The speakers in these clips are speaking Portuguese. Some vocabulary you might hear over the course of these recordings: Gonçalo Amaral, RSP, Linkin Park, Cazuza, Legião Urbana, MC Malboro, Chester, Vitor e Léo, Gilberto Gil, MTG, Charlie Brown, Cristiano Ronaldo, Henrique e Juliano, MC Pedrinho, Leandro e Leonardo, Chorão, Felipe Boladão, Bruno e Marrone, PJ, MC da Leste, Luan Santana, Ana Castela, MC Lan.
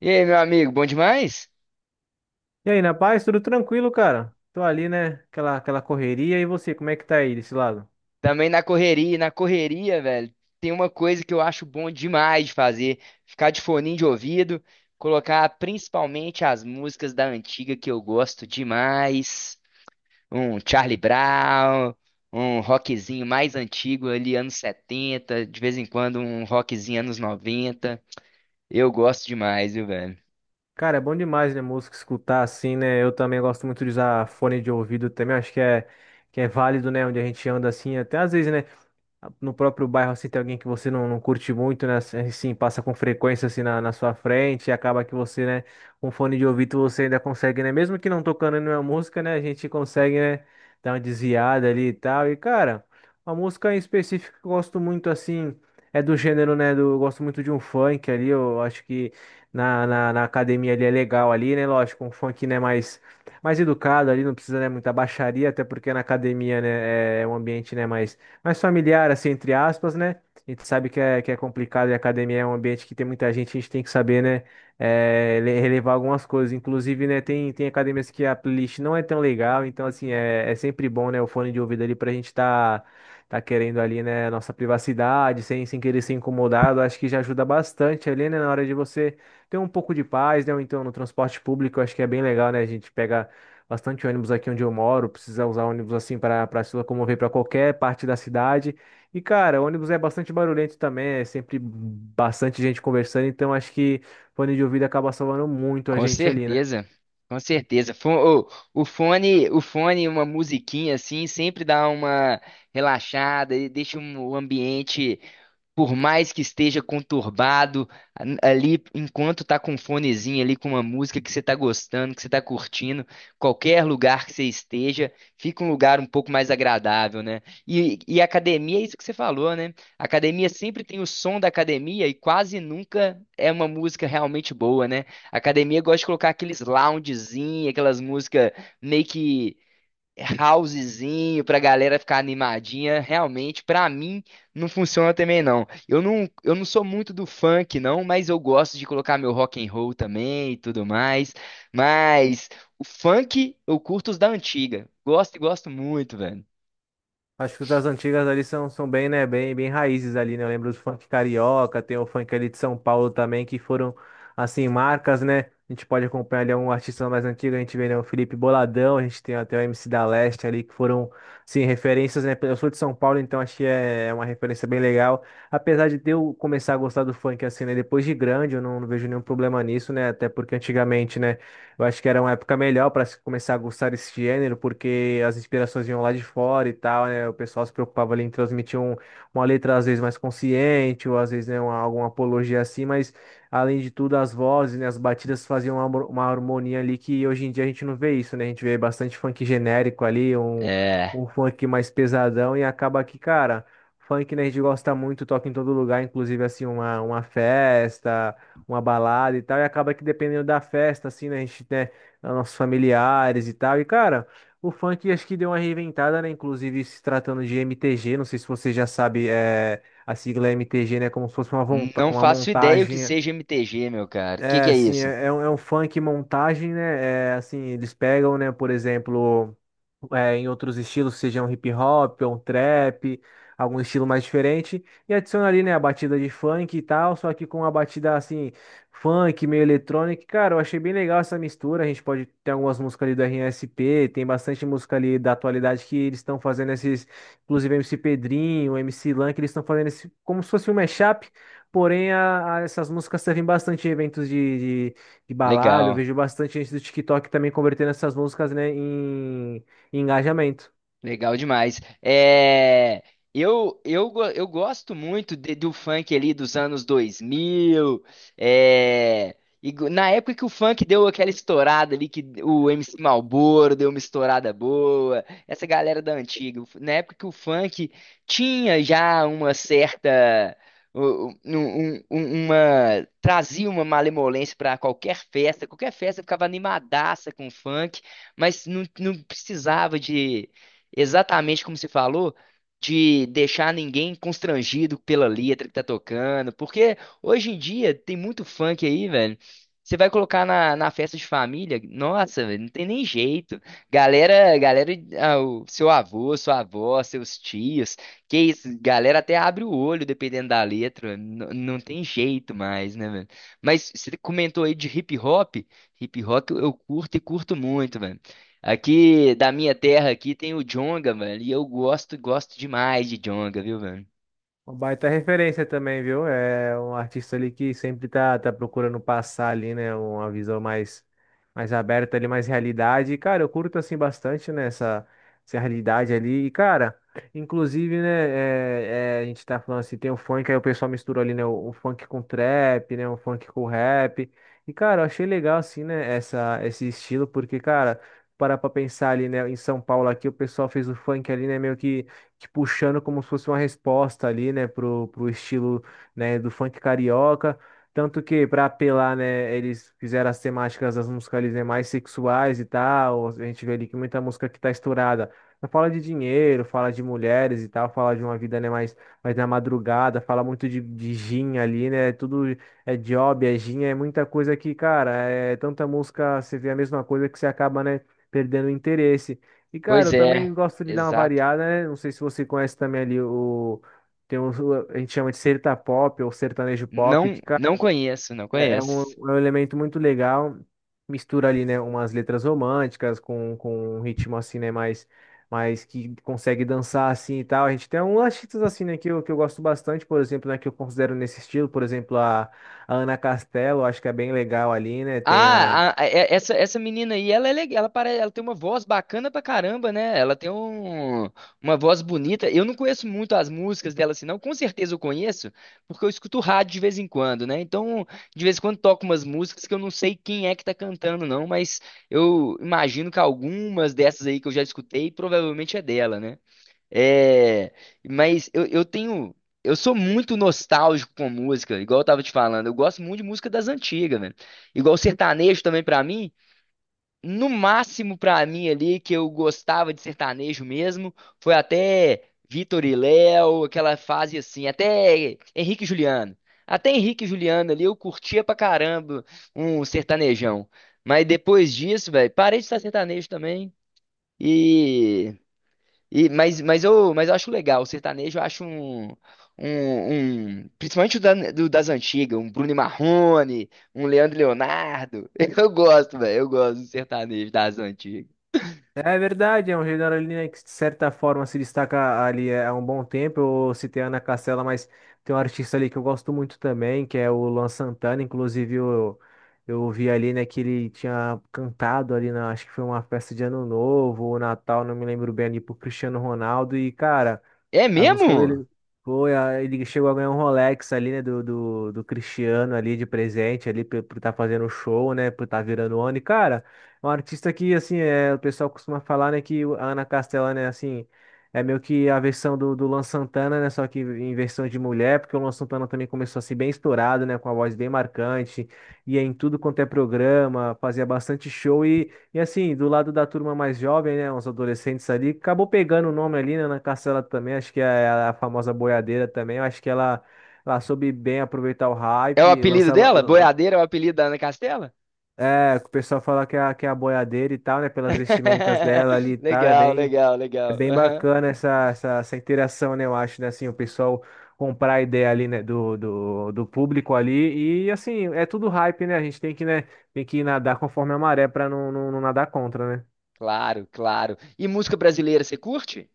E aí, meu amigo, bom demais? E aí, na paz, tudo tranquilo, cara? Tô ali, né? Aquela correria. E você, como é que tá aí desse lado? Também na correria, velho. Tem uma coisa que eu acho bom demais de fazer, ficar de foninho de ouvido, colocar principalmente as músicas da antiga que eu gosto demais, um Charlie Brown, um rockzinho mais antigo ali anos 70, de vez em quando um rockzinho anos 90. Eu gosto demais, viu, velho? Cara, é bom demais, né? Música escutar assim, né? Eu também gosto muito de usar fone de ouvido também. Acho que é válido, né? Onde a gente anda assim, até às vezes, né? No próprio bairro, assim, tem alguém que você não curte muito, né? Assim, passa com frequência, assim, na sua frente, e acaba que você, né, com fone de ouvido, você ainda consegue, né? Mesmo que não tocando nenhuma música, né, a gente consegue, né, dar uma desviada ali e tal. E, cara, uma música em específico que eu gosto muito, assim, é do gênero, né, do, eu gosto muito de um funk ali, eu acho que na academia ali é legal ali, né? Lógico, um funk, né, mais educado ali, não precisa, né, muita baixaria, até porque na academia, né, é um ambiente, né, mais familiar, assim, entre aspas, né? A gente sabe que é complicado e a academia é um ambiente que tem muita gente, a gente tem que saber, né? Relevar algumas coisas. Inclusive, né, tem academias que a playlist não é tão legal, então, assim, é sempre bom, né, o fone de ouvido ali pra gente tá, tá querendo ali, né, nossa privacidade, sem querer ser incomodado. Acho que já ajuda bastante ali, né, na hora de você ter um pouco de paz, né? Ou então no transporte público, acho que é bem legal, né? A gente pega bastante ônibus aqui onde eu moro, precisa usar ônibus assim para se locomover para qualquer parte da cidade. E cara, ônibus é bastante barulhento também, é sempre bastante gente conversando, então acho que fone de ouvido acaba salvando muito a Com gente ali, né? certeza, com certeza. Ô, o fone, uma musiquinha assim, sempre dá uma relaxada e deixa o ambiente, por mais que esteja conturbado ali, enquanto tá com um fonezinho ali, com uma música que você tá gostando, que você tá curtindo, qualquer lugar que você esteja, fica um lugar um pouco mais agradável, né? E academia é isso que você falou, né? Academia sempre tem o som da academia e quase nunca é uma música realmente boa, né? Academia gosta de colocar aqueles loungezinhos, aquelas músicas meio que housezinho pra galera ficar animadinha, realmente pra mim não funciona também não. Eu não sou muito do funk não, mas eu gosto de colocar meu rock and roll também e tudo mais. Mas o funk eu curto os da antiga. Gosto e gosto muito, velho. Acho que as antigas ali são bem, né, bem raízes ali, né? Eu lembro do funk carioca, tem o funk ali de São Paulo também, que foram, assim, marcas, né? A gente pode acompanhar ali um artista mais antigo, a gente vê, né, o Felipe Boladão, a gente tem até o MC da Leste ali, que foram, assim, referências, né? Eu sou de São Paulo, então acho que é uma referência bem legal. Apesar de eu começar a gostar do funk, assim, né, depois de grande, eu não vejo nenhum problema nisso, né? Até porque antigamente, né? Eu acho que era uma época melhor para se começar a gostar desse gênero, porque as inspirações vinham lá de fora e tal, né? O pessoal se preocupava ali em transmitir uma letra às vezes mais consciente, ou às vezes, né, uma, alguma apologia assim, mas além de tudo, as vozes, né, as batidas faziam uma harmonia ali que hoje em dia a gente não vê isso, né? A gente vê bastante funk genérico ali, um, É, um funk mais pesadão e acaba que, cara, funk, né, a gente gosta muito, toca em todo lugar, inclusive assim, uma festa uma balada e tal, e acaba que dependendo da festa, assim, né, a gente tem nossos familiares e tal, e cara, o funk acho que deu uma reinventada, né, inclusive se tratando de MTG, não sei se você já sabe, é, a sigla MTG, né, como se fosse uma, não uma faço ideia o que montagem. seja MTG, meu cara. O que É, que é assim, isso? é um funk montagem, né? É, assim, eles pegam, né, por exemplo, em outros estilos, seja um hip hop, ou um trap, algum estilo mais diferente, e adiciona ali, né, a batida de funk e tal, só que com uma batida, assim, funk, meio eletrônica. Cara, eu achei bem legal essa mistura. A gente pode ter algumas músicas ali do RSP, tem bastante música ali da atualidade que eles estão fazendo esses, inclusive MC Pedrinho, MC Lan, que eles estão fazendo esse, como se fosse um mashup. Porém, essas músicas servem bastante em eventos de balada. Eu Legal. vejo bastante gente do TikTok também convertendo essas músicas, né, em engajamento. Legal demais. É, eu gosto muito do funk ali dos anos 2000. É, e na época que o funk deu aquela estourada ali, que o MC Malboro deu uma estourada boa, essa galera da antiga. Na época que o funk tinha já uma certa. Trazia uma malemolência para qualquer festa ficava animadaça com funk, mas não precisava, exatamente como você falou, de deixar ninguém constrangido pela letra que tá tocando. Porque hoje em dia tem muito funk aí, velho. Você vai colocar na festa de família, nossa, velho, não tem nem jeito. Galera, galera, ah, o seu avô, sua avó, seus tios, que isso, galera até abre o olho dependendo da letra, não tem jeito mais, né, velho? Mas você comentou aí de hip hop eu curto e curto muito, velho. Aqui da minha terra aqui tem o jonga, mano, e eu gosto, gosto demais de jonga, viu, mano? Uma baita referência também, viu? É um artista ali que sempre tá procurando passar ali, né? Uma visão mais aberta ali, mais realidade. E, cara, eu curto assim bastante, né? Essa realidade ali. E, cara, inclusive, né? A gente tá falando assim, tem o funk, aí o pessoal mistura ali, né? O funk com trap, né? O funk com rap. E, cara, eu achei legal, assim, né? Essa, esse estilo, porque, cara, parar pra pensar ali, né? Em São Paulo aqui, o pessoal fez o funk ali, né? Meio que te puxando como se fosse uma resposta ali, né, pro estilo, né, do funk carioca. Tanto que, para apelar, né, eles fizeram as temáticas das músicas ali, né, mais sexuais e tal. A gente vê ali que muita música que tá estourada. Não fala de dinheiro, fala de mulheres e tal, fala de uma vida, né, mais, mais na madrugada, fala muito de gin ali, né? Tudo é job, é gin, é muita coisa que, cara, é tanta música, você vê a mesma coisa que você acaba, né, perdendo o interesse. E, cara, Pois eu também é, gosto de dar uma exato. variada, né? Não sei se você conhece também ali o. Tem um, a gente chama de serta pop ou sertanejo pop, que, cara, Não conheço, não é conheço. um elemento muito legal. Mistura ali, né, umas letras românticas com um ritmo assim, né, mais, mais que consegue dançar assim e tal. A gente tem uns artistas assim, né, que eu gosto bastante, por exemplo, né, que eu considero nesse estilo, por exemplo, a Ana Castela, eu acho que é bem legal ali, né? Tem a. Ah, essa, essa menina aí, ela é legal, ela, ela tem uma voz bacana pra caramba, né? Uma voz bonita. Eu não conheço muito as músicas dela, assim, não. Com certeza eu conheço, porque eu escuto rádio de vez em quando, né? Então, de vez em quando toco umas músicas que eu não sei quem é que tá cantando, não, mas eu imagino que algumas dessas aí que eu já escutei provavelmente é dela, né? É, mas eu tenho. Eu sou muito nostálgico com música, igual eu tava te falando. Eu gosto muito de música das antigas, velho. Igual sertanejo também pra mim. No máximo pra mim ali, que eu gostava de sertanejo mesmo, foi até Vitor e Léo, aquela fase assim, até Henrique e Juliano. Até Henrique e Juliano ali eu curtia pra caramba um sertanejão. Mas depois disso, velho, parei de estar sertanejo também. E. E, mas eu acho legal, o sertanejo eu acho principalmente o das antigas, um Bruno e Marrone, um Leandro e Leonardo. Eu gosto, velho, eu gosto do sertanejo das antigas. É verdade, é um Generalina que de certa forma se destaca ali é, há um bom tempo. Eu citei a Ana Castela, mas tem um artista ali que eu gosto muito também, que é o Luan Santana. Inclusive, eu vi ali, né, que ele tinha cantado ali na, acho que foi uma festa de Ano Novo ou Natal, não me lembro bem ali, pro Cristiano Ronaldo. E, cara. É As músicas mesmo? dele. Foi, ele chegou a ganhar um Rolex ali, né? Do Cristiano ali de presente ali, por estar fazendo um show, né? Por estar virando ONI. Cara, é um artista que, assim, é, o pessoal costuma falar, né? A Ana Castela, né, assim. É meio que a versão do Luan Santana, né? Só que em versão de mulher, porque o Luan Santana também começou a ser bem estourado, né? Com a voz bem marcante, ia em tudo quanto é programa, fazia bastante show e assim, do lado da turma mais jovem, né, uns adolescentes ali, acabou pegando o nome ali, né, na Castela também, acho que é a famosa boiadeira também, eu acho que ela soube bem aproveitar o É hype, o e apelido dela? lançava, Boiadeira é o apelido da Ana Castela? é, o pessoal fala que é, que é a boiadeira e tal, né, pelas vestimentas dela ali e tal, Legal, legal, é legal. bem Aham. bacana essa, essa, essa interação, né, eu acho, né, assim, o pessoal comprar a ideia ali, né, do público ali, e assim, é tudo hype, né, a gente tem que, né, tem que nadar conforme a maré pra não, não nadar contra, né. Claro, claro. E música brasileira, você curte?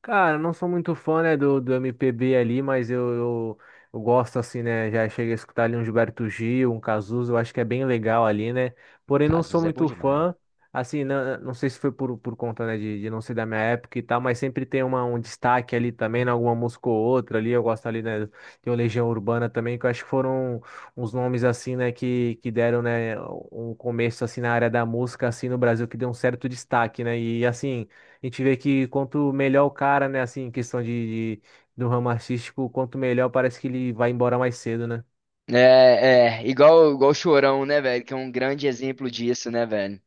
Cara, não sou muito fã, né, do MPB ali, mas eu gosto, assim, né, já cheguei a escutar ali um Gilberto Gil, um Cazuza, eu acho que é bem legal ali, né, porém não sou Cazuza é bom muito demais. fã, assim, não, não sei se foi por conta, né, de não ser da minha época e tal, mas sempre tem uma, um destaque ali também, né, alguma música ou outra ali, eu gosto ali, né, de uma Legião Urbana também, que eu acho que foram uns nomes, assim, né, que deram, né, um começo, assim, na área da música, assim, no Brasil, que deu um certo destaque, né, e, assim... A gente vê que quanto melhor o cara, né, assim, em questão de do ramo artístico, quanto melhor parece que ele vai embora mais cedo, né? É, é, igual, igual o Chorão, né, velho? Que é um grande exemplo disso, né, velho?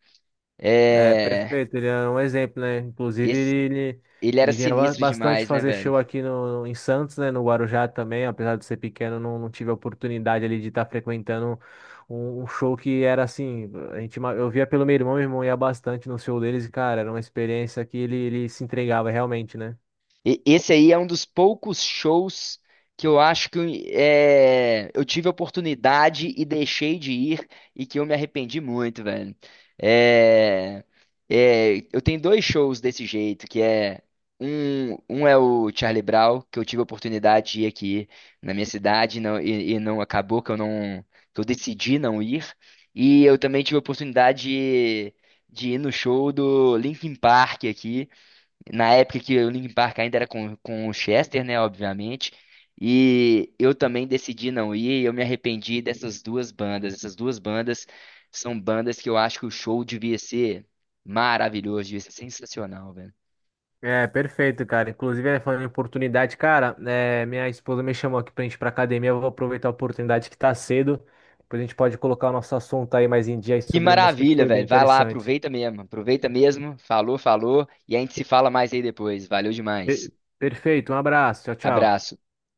É, É. perfeito, ele é um exemplo, né? Inclusive, Esse, ele era ele vinha sinistro bastante demais, né, fazer velho? show aqui no, em Santos, né, no Guarujá também, apesar de ser pequeno, não, não tive a oportunidade ali de estar frequentando um, um show que era assim, a gente, eu via pelo meu irmão ia bastante no show deles e, cara, era uma experiência que ele se entregava realmente, né? Esse aí é um dos poucos shows que eu acho que é, eu tive a oportunidade e deixei de ir e que eu me arrependi muito, velho. É, é, eu tenho dois shows desse jeito, que é um, um é o Charlie Brown, que eu tive a oportunidade de ir aqui na minha cidade e não, e não acabou que eu não que eu decidi não ir. E eu também tive a oportunidade de ir no show do Linkin Park aqui. Na época que o Linkin Park ainda era com o Chester, né, obviamente. E eu também decidi não ir, e eu me arrependi dessas duas bandas. Essas duas bandas são bandas que eu acho que o show devia ser maravilhoso, devia ser sensacional, velho. É, perfeito, cara. Inclusive, é, falando em oportunidade, cara, é, minha esposa me chamou aqui pra gente ir pra academia. Eu vou aproveitar a oportunidade que tá cedo. Depois a gente pode colocar o nosso assunto aí mais em dia aí Que sobre música, que maravilha, foi bem velho. Vai lá, interessante. aproveita mesmo. Aproveita mesmo. Falou, falou. E a gente se fala mais aí depois. Valeu demais. Per- Perfeito, um abraço. Tchau, tchau. Abraço.